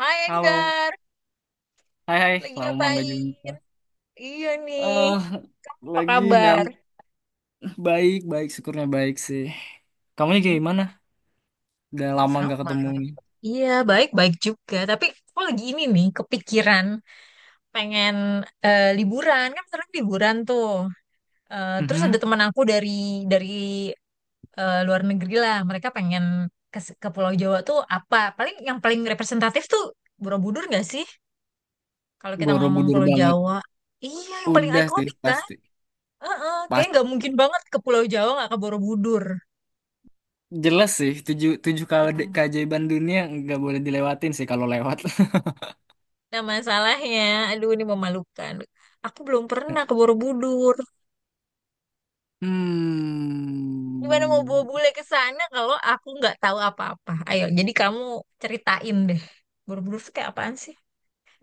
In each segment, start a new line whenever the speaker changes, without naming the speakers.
Hai
Halo,
Enggar,
hai, hai,
lagi
lama nggak
ngapain?
jumpa.
Iya nih,
Eh,
apa
lagi nyam,
kabar?
baik baik, syukurnya baik sih. Kamunya kayak
Hmm,
gimana? Udah lama nggak
sama.
ketemu nih.
Iya, baik-baik juga. Tapi aku lagi ini nih, kepikiran pengen liburan. Kan sekarang liburan tuh. Eh, terus ada
Mhm.
teman aku dari dari luar negeri lah. Mereka pengen ke Pulau Jawa tuh apa? Paling yang paling representatif tuh Borobudur nggak sih? Kalau kita ngomong
Borobudur
Pulau
banget.
Jawa. Iya, yang paling
Udah sih
ikonik kan?
pasti,
Kayaknya nggak mungkin
pasti.
banget ke Pulau Jawa nggak ke Borobudur.
Jelas sih, tujuh tujuh kali
Hmm.
keajaiban dunia nggak boleh dilewatin sih kalau lewat.
Nah masalahnya, aduh ini memalukan. Aku belum pernah ke Borobudur. Gimana mau bawa
Hmm,
bule ke sana kalau aku nggak tahu apa-apa? Ayo, jadi kamu ceritain deh. Borobudur tuh kayak apaan sih?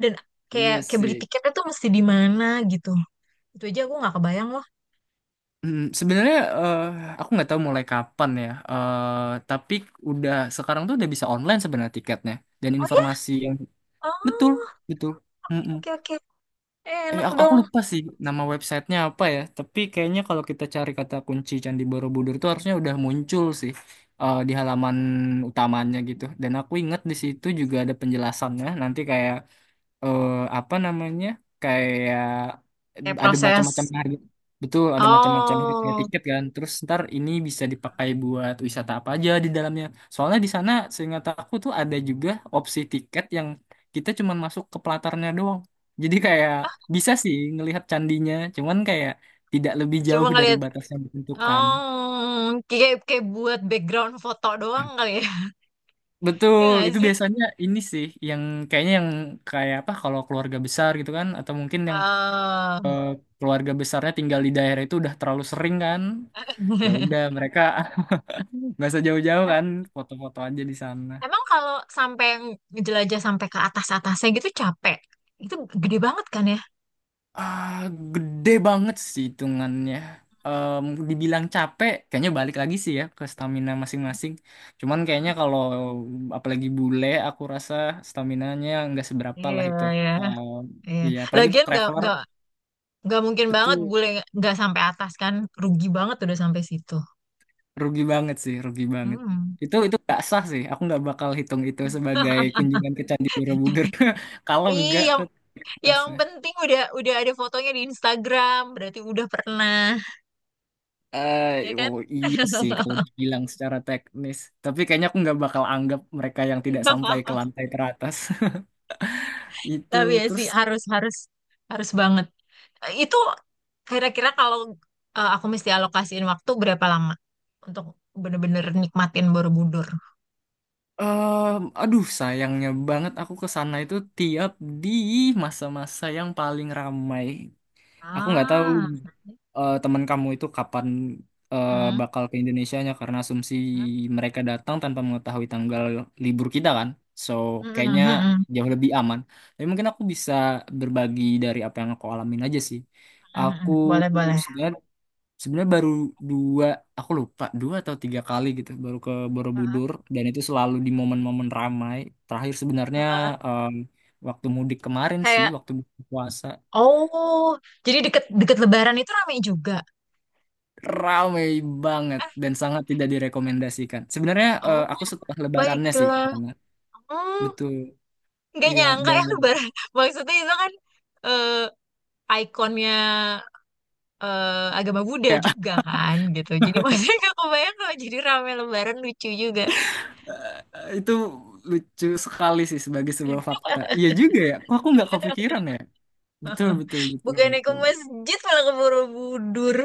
Dan
iya
kayak kayak
sih.
beli tiketnya tuh mesti di mana gitu. Itu aja aku nggak kebayang loh.
Sebenarnya aku nggak tahu mulai kapan ya. Tapi udah sekarang tuh udah bisa online sebenarnya tiketnya dan
Oh ya?
informasi yang betul
Oh,
betul. Mm-mm.
oke oke. Eh,
Eh
enak
aku, aku
dong.
lupa sih nama websitenya apa ya, tapi kayaknya kalau kita cari kata kunci Candi Borobudur tuh harusnya udah muncul sih di halaman utamanya gitu. Dan aku ingat di situ juga ada penjelasannya nanti kayak eh apa namanya kayak
Kayak
ada macam-macam
proses.
harga, betul ada macam-macam harga
Oh,
tiket kan, terus ntar ini bisa dipakai buat wisata apa aja di dalamnya. Soalnya di sana seingat aku tuh ada juga opsi tiket yang kita cuman masuk ke pelatarnya doang, jadi kayak bisa sih ngelihat candinya cuman kayak tidak lebih
cuma
jauh dari
ngeliat.
batas yang ditentukan.
Oh, kayak kayak buat background foto doang kali ya, ya
Betul,
nggak
itu
sih?
biasanya ini sih yang kayaknya, yang kayak apa, kalau keluarga besar gitu kan, atau mungkin yang
Oh.
eh, keluarga besarnya tinggal di daerah itu udah terlalu sering kan. Ya udah mereka nggak usah jauh-jauh
Em-
kan, foto-foto aja di sana.
Emang kalau sampai jelajah sampai ke atas-atasnya gitu capek, itu gede banget kan ya?
Ah, gede banget sih hitungannya. Em, dibilang capek, kayaknya balik lagi sih ya ke stamina masing-masing. Cuman kayaknya
Heeh.
kalau apalagi bule, aku rasa staminanya nggak seberapa
Iya,
lah itu.
iya,
Em,
iya.
iya, apalagi untuk
Lagian nggak
traveler,
nggak nggak mungkin banget
betul.
bule nggak sampai atas kan, rugi banget udah sampai situ.
Rugi banget sih, rugi banget.
Hmm.
Itu nggak sah sih. Aku nggak bakal hitung itu sebagai kunjungan ke Candi Borobudur kalau
Iya,
nggak
yang,
ke
yang
atasnya.
penting udah ada fotonya di Instagram, berarti udah pernah,
Eh,
ya kan?
oh, iya sih kalau dibilang secara teknis. Tapi kayaknya aku nggak bakal anggap mereka yang tidak sampai ke lantai teratas. Itu
Tapi ya
terus
sih harus harus harus banget. Eh, itu kira-kira kalau aku mesti alokasiin waktu berapa lama untuk bener-bener nikmatin Borobudur?
aduh sayangnya banget aku ke sana itu tiap di masa-masa yang paling ramai. Aku nggak tahu
Ah,
teman kamu itu kapan
hmm.
bakal ke Indonesianya, karena asumsi mereka datang tanpa mengetahui tanggal libur kita kan. So,
Hmm, hmm,
kayaknya
hmm, hmm,
jauh lebih aman. Tapi mungkin aku bisa berbagi dari apa yang aku alamin aja sih.
hmm.
Aku
Boleh boleh.
sebenarnya, sebenarnya baru dua, aku lupa 2 atau 3 kali gitu baru ke
Heeh,
Borobudur, dan itu selalu di momen-momen ramai. Terakhir sebenarnya
heeh.
em, waktu mudik kemarin sih,
Kayak
waktu buka puasa.
oh jadi deket-deket Lebaran itu ramai juga.
Ramai banget
Eh,
dan sangat tidak direkomendasikan. Sebenarnya
oh
aku setelah lebarannya sih ke
baiklah.
sana.
Hmm,
Betul.
nggak
Iya,
nyangka
dan
ya Lebaran. Maksudnya itu kan ikonnya agama Buddha
ya
juga kan gitu. Jadi maksudnya gak kebayang kalau jadi rame lebaran lucu juga.
itu lucu sekali sih sebagai sebuah fakta. Iya juga ya. Kok aku nggak kepikiran ya? Betul, betul, betul,
Bukannya ke
betul.
masjid malah ke Borobudur.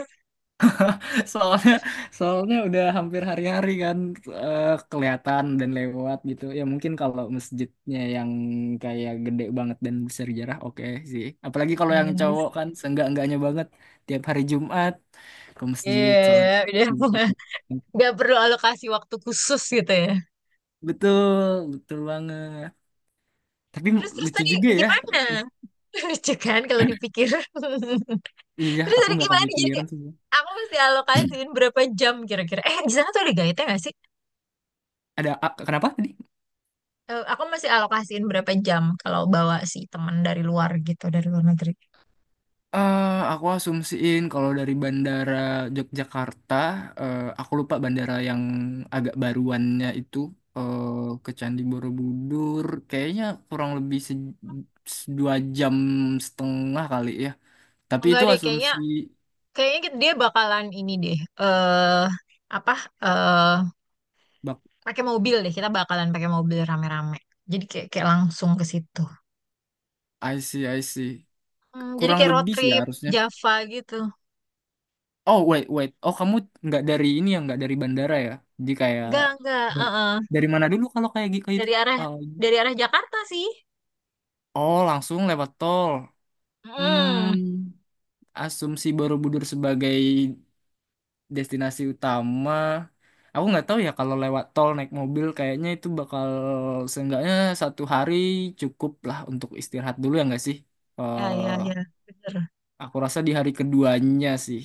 Soalnya, soalnya udah hampir hari-hari kan eh, kelihatan dan lewat gitu. Ya mungkin kalau masjidnya yang kayak gede banget dan bersejarah, oke sih. Apalagi kalau yang
Hmm,
cowok kan seenggak-enggaknya banget tiap hari Jumat ke masjid sholat.
iya, udah nggak perlu alokasi waktu khusus gitu ya.
Betul, betul banget. Tapi
Terus terus
lucu
tadi
juga ya.
gimana? Lucu kan kalau dipikir.
Iya,
Terus
aku
tadi
nggak
gimana? Jadi
kepikiran sih.
aku mesti alokasiin berapa jam kira-kira? Eh di sana tuh ada guide nggak sih?
Ada, kenapa tadi?
Eh, aku masih alokasiin berapa jam kalau bawa si teman dari luar gitu dari luar negeri.
Eh, aku asumsiin kalau dari bandara Yogyakarta, aku lupa bandara yang agak baruannya itu, eh, ke Candi Borobudur, kayaknya kurang lebih 2,5 jam kali ya.
Oh,
Tapi
enggak
itu
deh, kayaknya
asumsi.
kayaknya kita- dia bakalan ini deh. Eh apa? Eh
bak
Pakai mobil deh. Kita bakalan pakai mobil rame-rame. Jadi kayak kayak langsung ke situ.
I see, I see.
Hmm, jadi
Kurang
kayak road
lebih sih ya
trip
harusnya.
Java gitu.
Oh, wait wait, oh kamu nggak dari ini ya, nggak dari bandara ya? Jadi kayak
Enggak, enggak.
dari,
Eh.
dari mana dulu kalau kayak gitu? Itu?
Dari arah
Eh,
dari arah Jakarta sih.
oh langsung lewat tol.
Hmm.
Hmm. Asumsi Borobudur sebagai destinasi utama. Aku nggak tahu ya, kalau lewat tol naik mobil kayaknya itu bakal seenggaknya satu hari cukup lah untuk istirahat dulu ya nggak sih?
Ya,
eh
ya, ya. Bener.
aku rasa di hari keduanya sih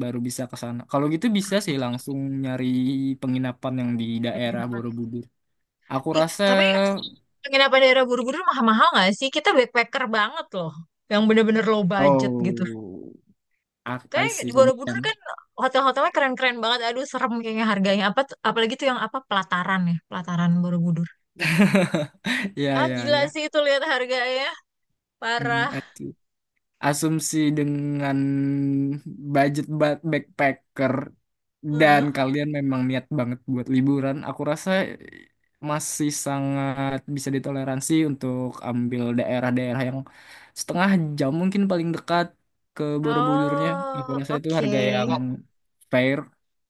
baru bisa ke sana. Kalau gitu bisa sih langsung nyari penginapan yang di
Kayak
daerah
penginapan.
Borobudur. Aku
Ih,
rasa,
tapi penginapan daerah buru-buru mahal-mahal nggak sih? Kita backpacker banget loh. Yang bener-bener low budget gitu.
oh, I
Kayak
see,
di Borobudur
kebayang.
kan hotel-hotelnya keren-keren banget. Aduh, serem kayaknya harganya. Apa tuh- apalagi tuh yang apa pelataran ya, pelataran Borobudur.
Ya,
Ah,
ya,
gila
ya.
sih itu lihat harganya.
Hmm,
Parah.
I see. Asumsi dengan budget backpacker dan
Heeh.
kalian memang niat banget buat liburan, aku rasa masih sangat bisa ditoleransi untuk ambil daerah-daerah yang setengah jam mungkin paling dekat ke Borobudurnya. Aku
Oh,
rasa itu
oke.
harga yang fair.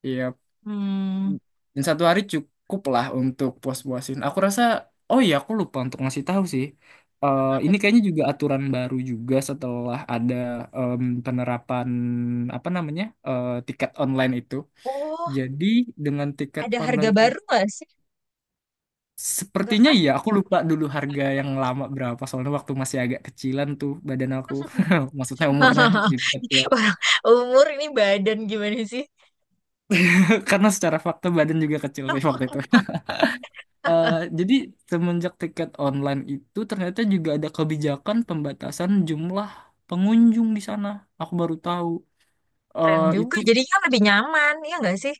Iya,
Hmm.
dan satu hari cukup lah untuk puas-puasin aku rasa. Oh iya, aku lupa untuk ngasih tahu sih. Eh,
Apa
ini
tuh?
kayaknya juga aturan baru juga setelah ada penerapan, apa namanya, tiket online itu.
Oh,
Jadi dengan tiket
ada harga
online
baru
itu
gak sih? Enggak
sepertinya
kan?
iya, aku lupa dulu harga yang lama berapa. Soalnya waktu masih agak kecilan tuh badan aku. Maksudnya umurnya juga ya.
Orang umur ini badan gimana sih?
Karena secara fakta badan juga kecil sih waktu itu. Eh, jadi semenjak tiket online itu ternyata juga ada kebijakan pembatasan jumlah pengunjung di sana. Aku baru tahu.
Keren
Eh,
juga.
itu
Jadi kan lebih nyaman, ya nggak sih?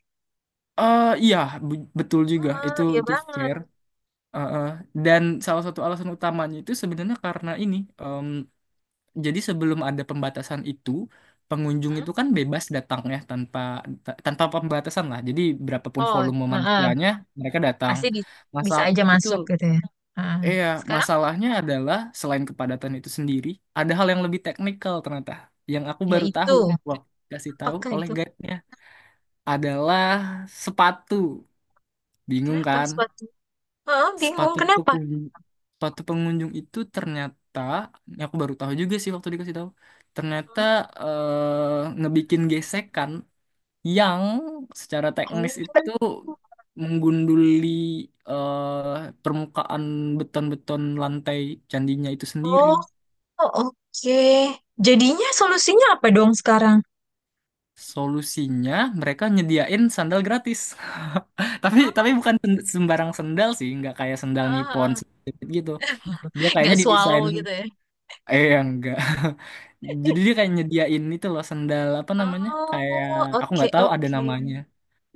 iya, betul juga.
Heeh,
Itu
iya
itu
banget.
fair. Eh, eh. Dan salah satu alasan utamanya itu sebenarnya karena ini. em, jadi sebelum ada pembatasan itu, pengunjung
Hmm?
itu kan bebas datang ya tanpa, tanpa pembatasan lah. Jadi berapapun
Oh,
volume
heeh.
manusianya mereka datang.
Pasti di- bisa
Masal
aja
betul
masuk gitu ya. Ah,
iya,
sekarang
masalahnya adalah selain kepadatan itu sendiri, ada hal yang lebih teknikal ternyata. Yang aku
ya
baru
itu,
tahu waktu kasih tahu
apakah
oleh
itu?
guide-nya adalah sepatu. Bingung
Kenapa
kan?
suatu? Ah, bingung
Sepatu
kenapa?
pengunjung, sepatu pengunjung itu ternyata, ini aku baru tahu juga sih waktu dikasih tahu, ternyata ngebikin gesekan yang secara teknis itu menggunduli permukaan beton-beton lantai candinya itu sendiri.
Oh, oh, oke. Jadinya solusinya apa dong sekarang?
Solusinya mereka nyediain sandal gratis. Tapi
Oh,
bukan sembarang sandal sih, nggak kayak sandal
ah,
Nippon
ah, ah.
gitu. Dia
Nggak
kayaknya didesain,
swallow gitu ya?
enggak. Jadi dia kayak nyediain itu loh, sandal apa namanya? Kayak
Oh,
aku
oke
nggak tahu ada
oke.
namanya.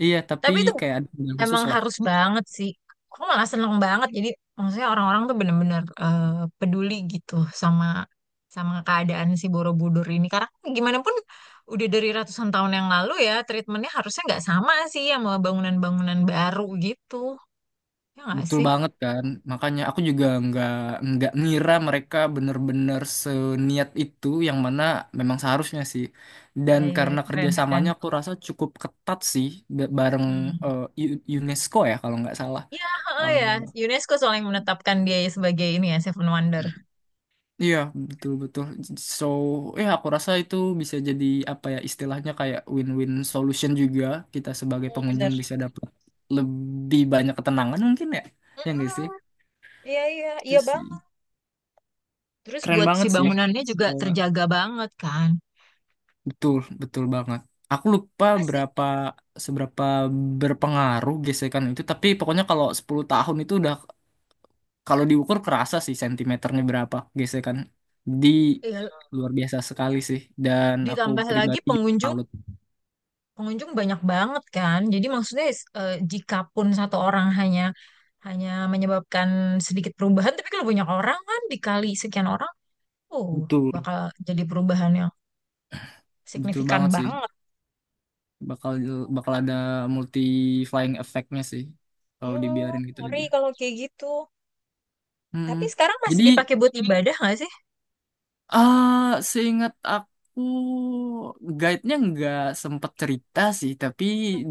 Iya, tapi
Tapi itu
kayak ada sandal khusus
emang
lah.
harus banget sih. Aku malah seneng banget. Jadi maksudnya orang-orang tuh bener-bener peduli gitu sama sama keadaan si Borobudur ini. Karena gimana pun udah dari ratusan tahun yang lalu ya, treatmentnya harusnya nggak sama sih sama bangunan-bangunan baru gitu. Ya nggak
Betul
sih?
banget kan, makanya aku juga nggak ngira mereka bener-bener seniat itu, yang mana memang seharusnya sih.
Iya,
Dan
iya,
karena
keren, keren.
kerjasamanya aku rasa cukup ketat sih, bareng
Hmm.
UNESCO ya kalau nggak salah.
Ya, oh
Eh,
ya, UNESCO soalnya yang menetapkan dia sebagai ini ya, Seven Wonder.
Iya, betul-betul. So ya, aku rasa itu bisa jadi, apa ya istilahnya, kayak win-win solution juga. Kita sebagai
Hmm, bener.
pengunjung bisa dapat lebih banyak ketenangan mungkin ya. Ya nggak sih?
Mm-mm. Iya, iya,
Itu
iya
sih.
banget. Terus
Keren
buat si
banget sih.
bangunannya juga terjaga banget kan.
Betul, betul banget. Aku lupa
Masih
seberapa berpengaruh gesekan itu, tapi pokoknya kalau 10 tahun itu udah, kalau diukur kerasa sih sentimeternya berapa gesekan. Di
ya,
Luar biasa sekali sih, dan aku
ditambah lagi
pribadi juga
pengunjung
salut.
pengunjung banyak banget kan. Jadi maksudnya jika pun satu orang hanya hanya menyebabkan sedikit perubahan, tapi kalau banyak orang kan dikali sekian orang, oh
Betul,
bakal jadi perubahan yang
betul
signifikan
banget sih.
banget.
Bakal bakal ada multi flying effect-nya sih kalau
Mm,
dibiarin gitu
ngeri
aja.
kalau kayak gitu. Tapi
Hmm.
sekarang masih
Jadi,
dipakai buat ibadah nggak sih?
Ah, seingat aku guide-nya nggak sempet cerita sih, tapi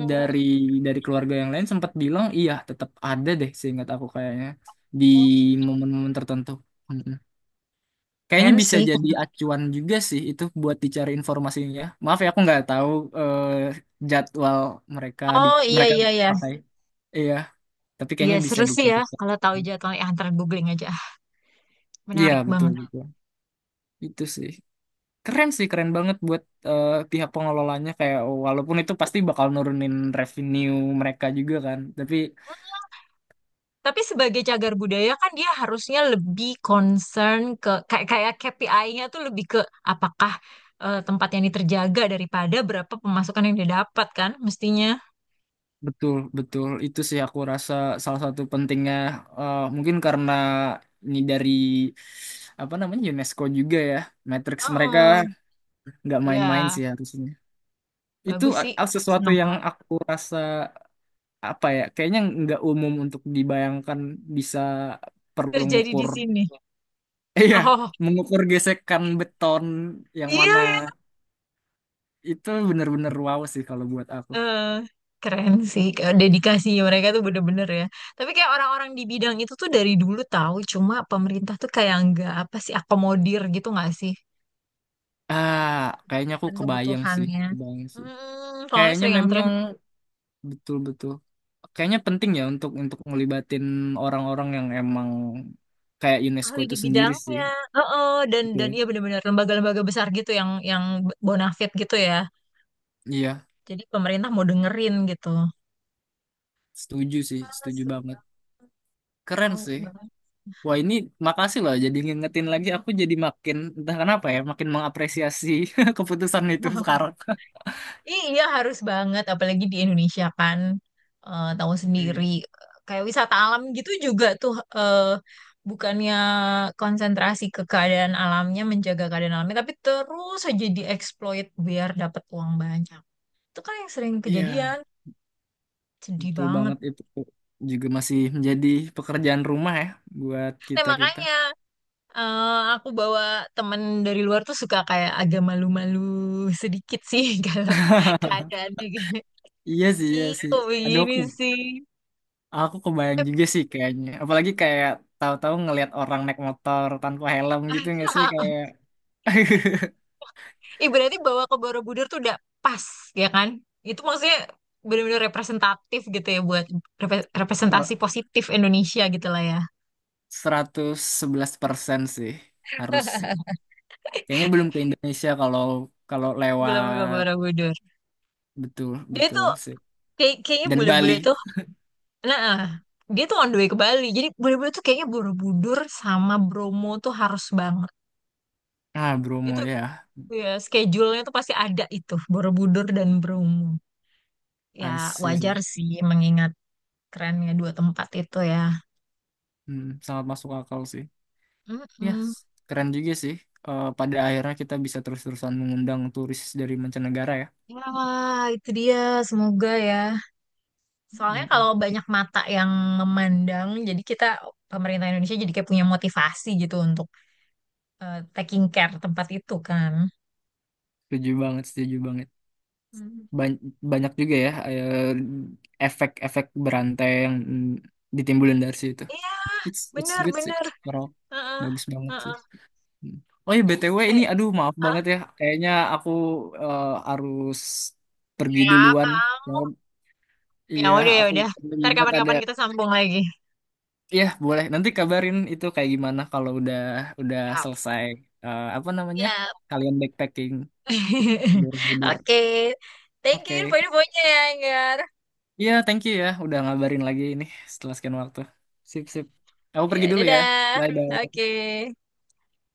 dari dari keluarga yang lain sempat bilang iya tetap ada deh, seingat aku kayaknya di momen-momen tertentu. Mm-mm. Kayaknya
Keren
bisa
sih.
jadi acuan juga sih itu buat dicari informasinya. Maaf ya aku nggak tahu eh, jadwal mereka di
Oh iya
mereka
iya iya.
pakai. Iya, tapi
Iya
kayaknya bisa
seru sih ya
dicari.
kalau tahu jadwalnya. Ah, ntar googling aja.
Iya,
Menarik
betul,
banget.
betul. Itu sih. Keren sih, keren banget buat pihak pengelolanya, kayak walaupun itu pasti bakal nurunin revenue mereka juga kan, tapi
Tapi sebagai cagar budaya kan dia harusnya lebih concern ke kayak kayak KPI-nya tuh lebih ke apakah tempat yang ini terjaga daripada berapa pemasukan yang dia dapat kan mestinya.
betul, betul. Itu sih aku rasa salah satu pentingnya, mungkin karena ini dari apa namanya, UNESCO juga ya. Matrix mereka
Heeh.
nggak main-main
Ya,
sih harusnya. Itu
bagus sih.
sesuatu
Senang
yang
banget
aku rasa, apa ya, kayaknya nggak umum untuk dibayangkan bisa perlu
terjadi di
ngukur
sini.
iya,
Oh,
mengukur gesekan beton yang
iya
mana.
ya.
Itu bener-bener wow sih kalau buat aku.
Eh, Keren sih. Kayak dedikasi mereka tuh bener-bener ya. Tapi kayak orang-orang di bidang itu tuh dari dulu tahu cuma pemerintah tuh kayak nggak apa sih akomodir gitu nggak sih?
Ah, kayaknya aku
Dan
kebayang sih,
kebutuhannya.
kebayang sih.
Hmm, kalau ini
Kayaknya
sering yang terlihat
memang betul-betul. Kayaknya penting ya untuk ngelibatin orang-orang yang emang kayak UNESCO
ahli di
itu sendiri sih.
bidangnya. Heeh, dan
Oke.
iya benar-benar lembaga-lembaga besar gitu yang bonafit gitu ya.
Iya,
Jadi pemerintah mau dengerin gitu.
setuju sih,
Ah,
setuju
seru
banget.
banget.
Keren
Mau
sih.
banget.
Wah ini, makasih loh, jadi ngingetin lagi aku, jadi makin entah kenapa ya makin mengapresiasi keputusan itu sekarang.
Iya harus banget, apalagi di Indonesia kan tahu sendiri kayak wisata alam gitu juga tuh bukannya konsentrasi ke keadaan alamnya, menjaga keadaan alamnya, tapi terus aja dieksploit biar dapat uang banyak. Itu kan yang sering
Iya.
kejadian sedih
Betul
banget.
banget, itu juga masih menjadi pekerjaan rumah ya buat
Nah
kita-kita.
makanya eh, aku bawa temen dari luar tuh suka kayak agak malu-malu sedikit sih kalau keadaannya gitu.
Iya sih, iya
Ih,
sih.
kok
Aduh,
begini
aku,
sih.
aku kebayang juga sih kayaknya. Apalagi kayak tahu-tahu ngelihat orang naik motor tanpa helm gitu nggak sih, kayak.
Ih, berarti bawa ke Borobudur tuh udah pas ya kan, itu maksudnya benar-benar representatif gitu ya buat repre- representasi
Ser-
positif Indonesia gitu lah ya.
111% sih harus sih. Kayaknya belum ke Indonesia kalau kalau
Belum ke
lewat,
Borobudur
betul,
dia
betul
tuh
sih.
kayak kayaknya
Dan Bali.
bule-bule tuh nah, dia tuh on the way ke Bali. Jadi bener-bener tuh kayaknya Borobudur sama Bromo tuh harus banget.
Ah, Bromo
Itu
ya.
ya schedule-nya tuh pasti ada itu, Borobudur dan Bromo. Ya
I see
wajar
sih.
sih mengingat trennya dua tempat itu ya.
Hmm, sangat masuk akal sih. Ya,
Mm.
keren juga sih. Pada akhirnya kita bisa terus-terusan mengundang turis dari mancanegara ya.
Wah, itu dia. Semoga ya. Soalnya
Mm,
kalau banyak mata yang memandang, jadi kita pemerintah Indonesia jadi kayak punya motivasi gitu untuk taking care tempat itu kan.
Setuju banget, setuju banget.
Hmm.
Ban- banyak juga ya efek-efek berantai yang ditimbulin dari situ.
Iya,
It's good sih,
bener-bener.
bro.
Heeh.
Bagus banget sih.
Heeh.
Mm. Oh ya, BTW
Eh,
ini aduh, maaf
ah,
banget ya. Kayaknya aku eh, harus pergi
Ya
duluan. Ya,
kamu. Ya
iya,
udah ya
aku
udah. Ntar
ingat ada.
kapan-kapan kita sambung lagi.
Iya, boleh. Nanti kabarin itu kayak gimana kalau udah
Yap.
selesai, apa namanya?
Ya.
Kalian backpacking, tidur-tidur.
Oke. Thank you
Oke.
info-infonya ya, Anggar.
Iya, thank you ya udah ngabarin lagi ini setelah sekian waktu. Sip, sip. Aku pergi
Ya,
dulu ya.
dadah.
Bye, bye.
Oke.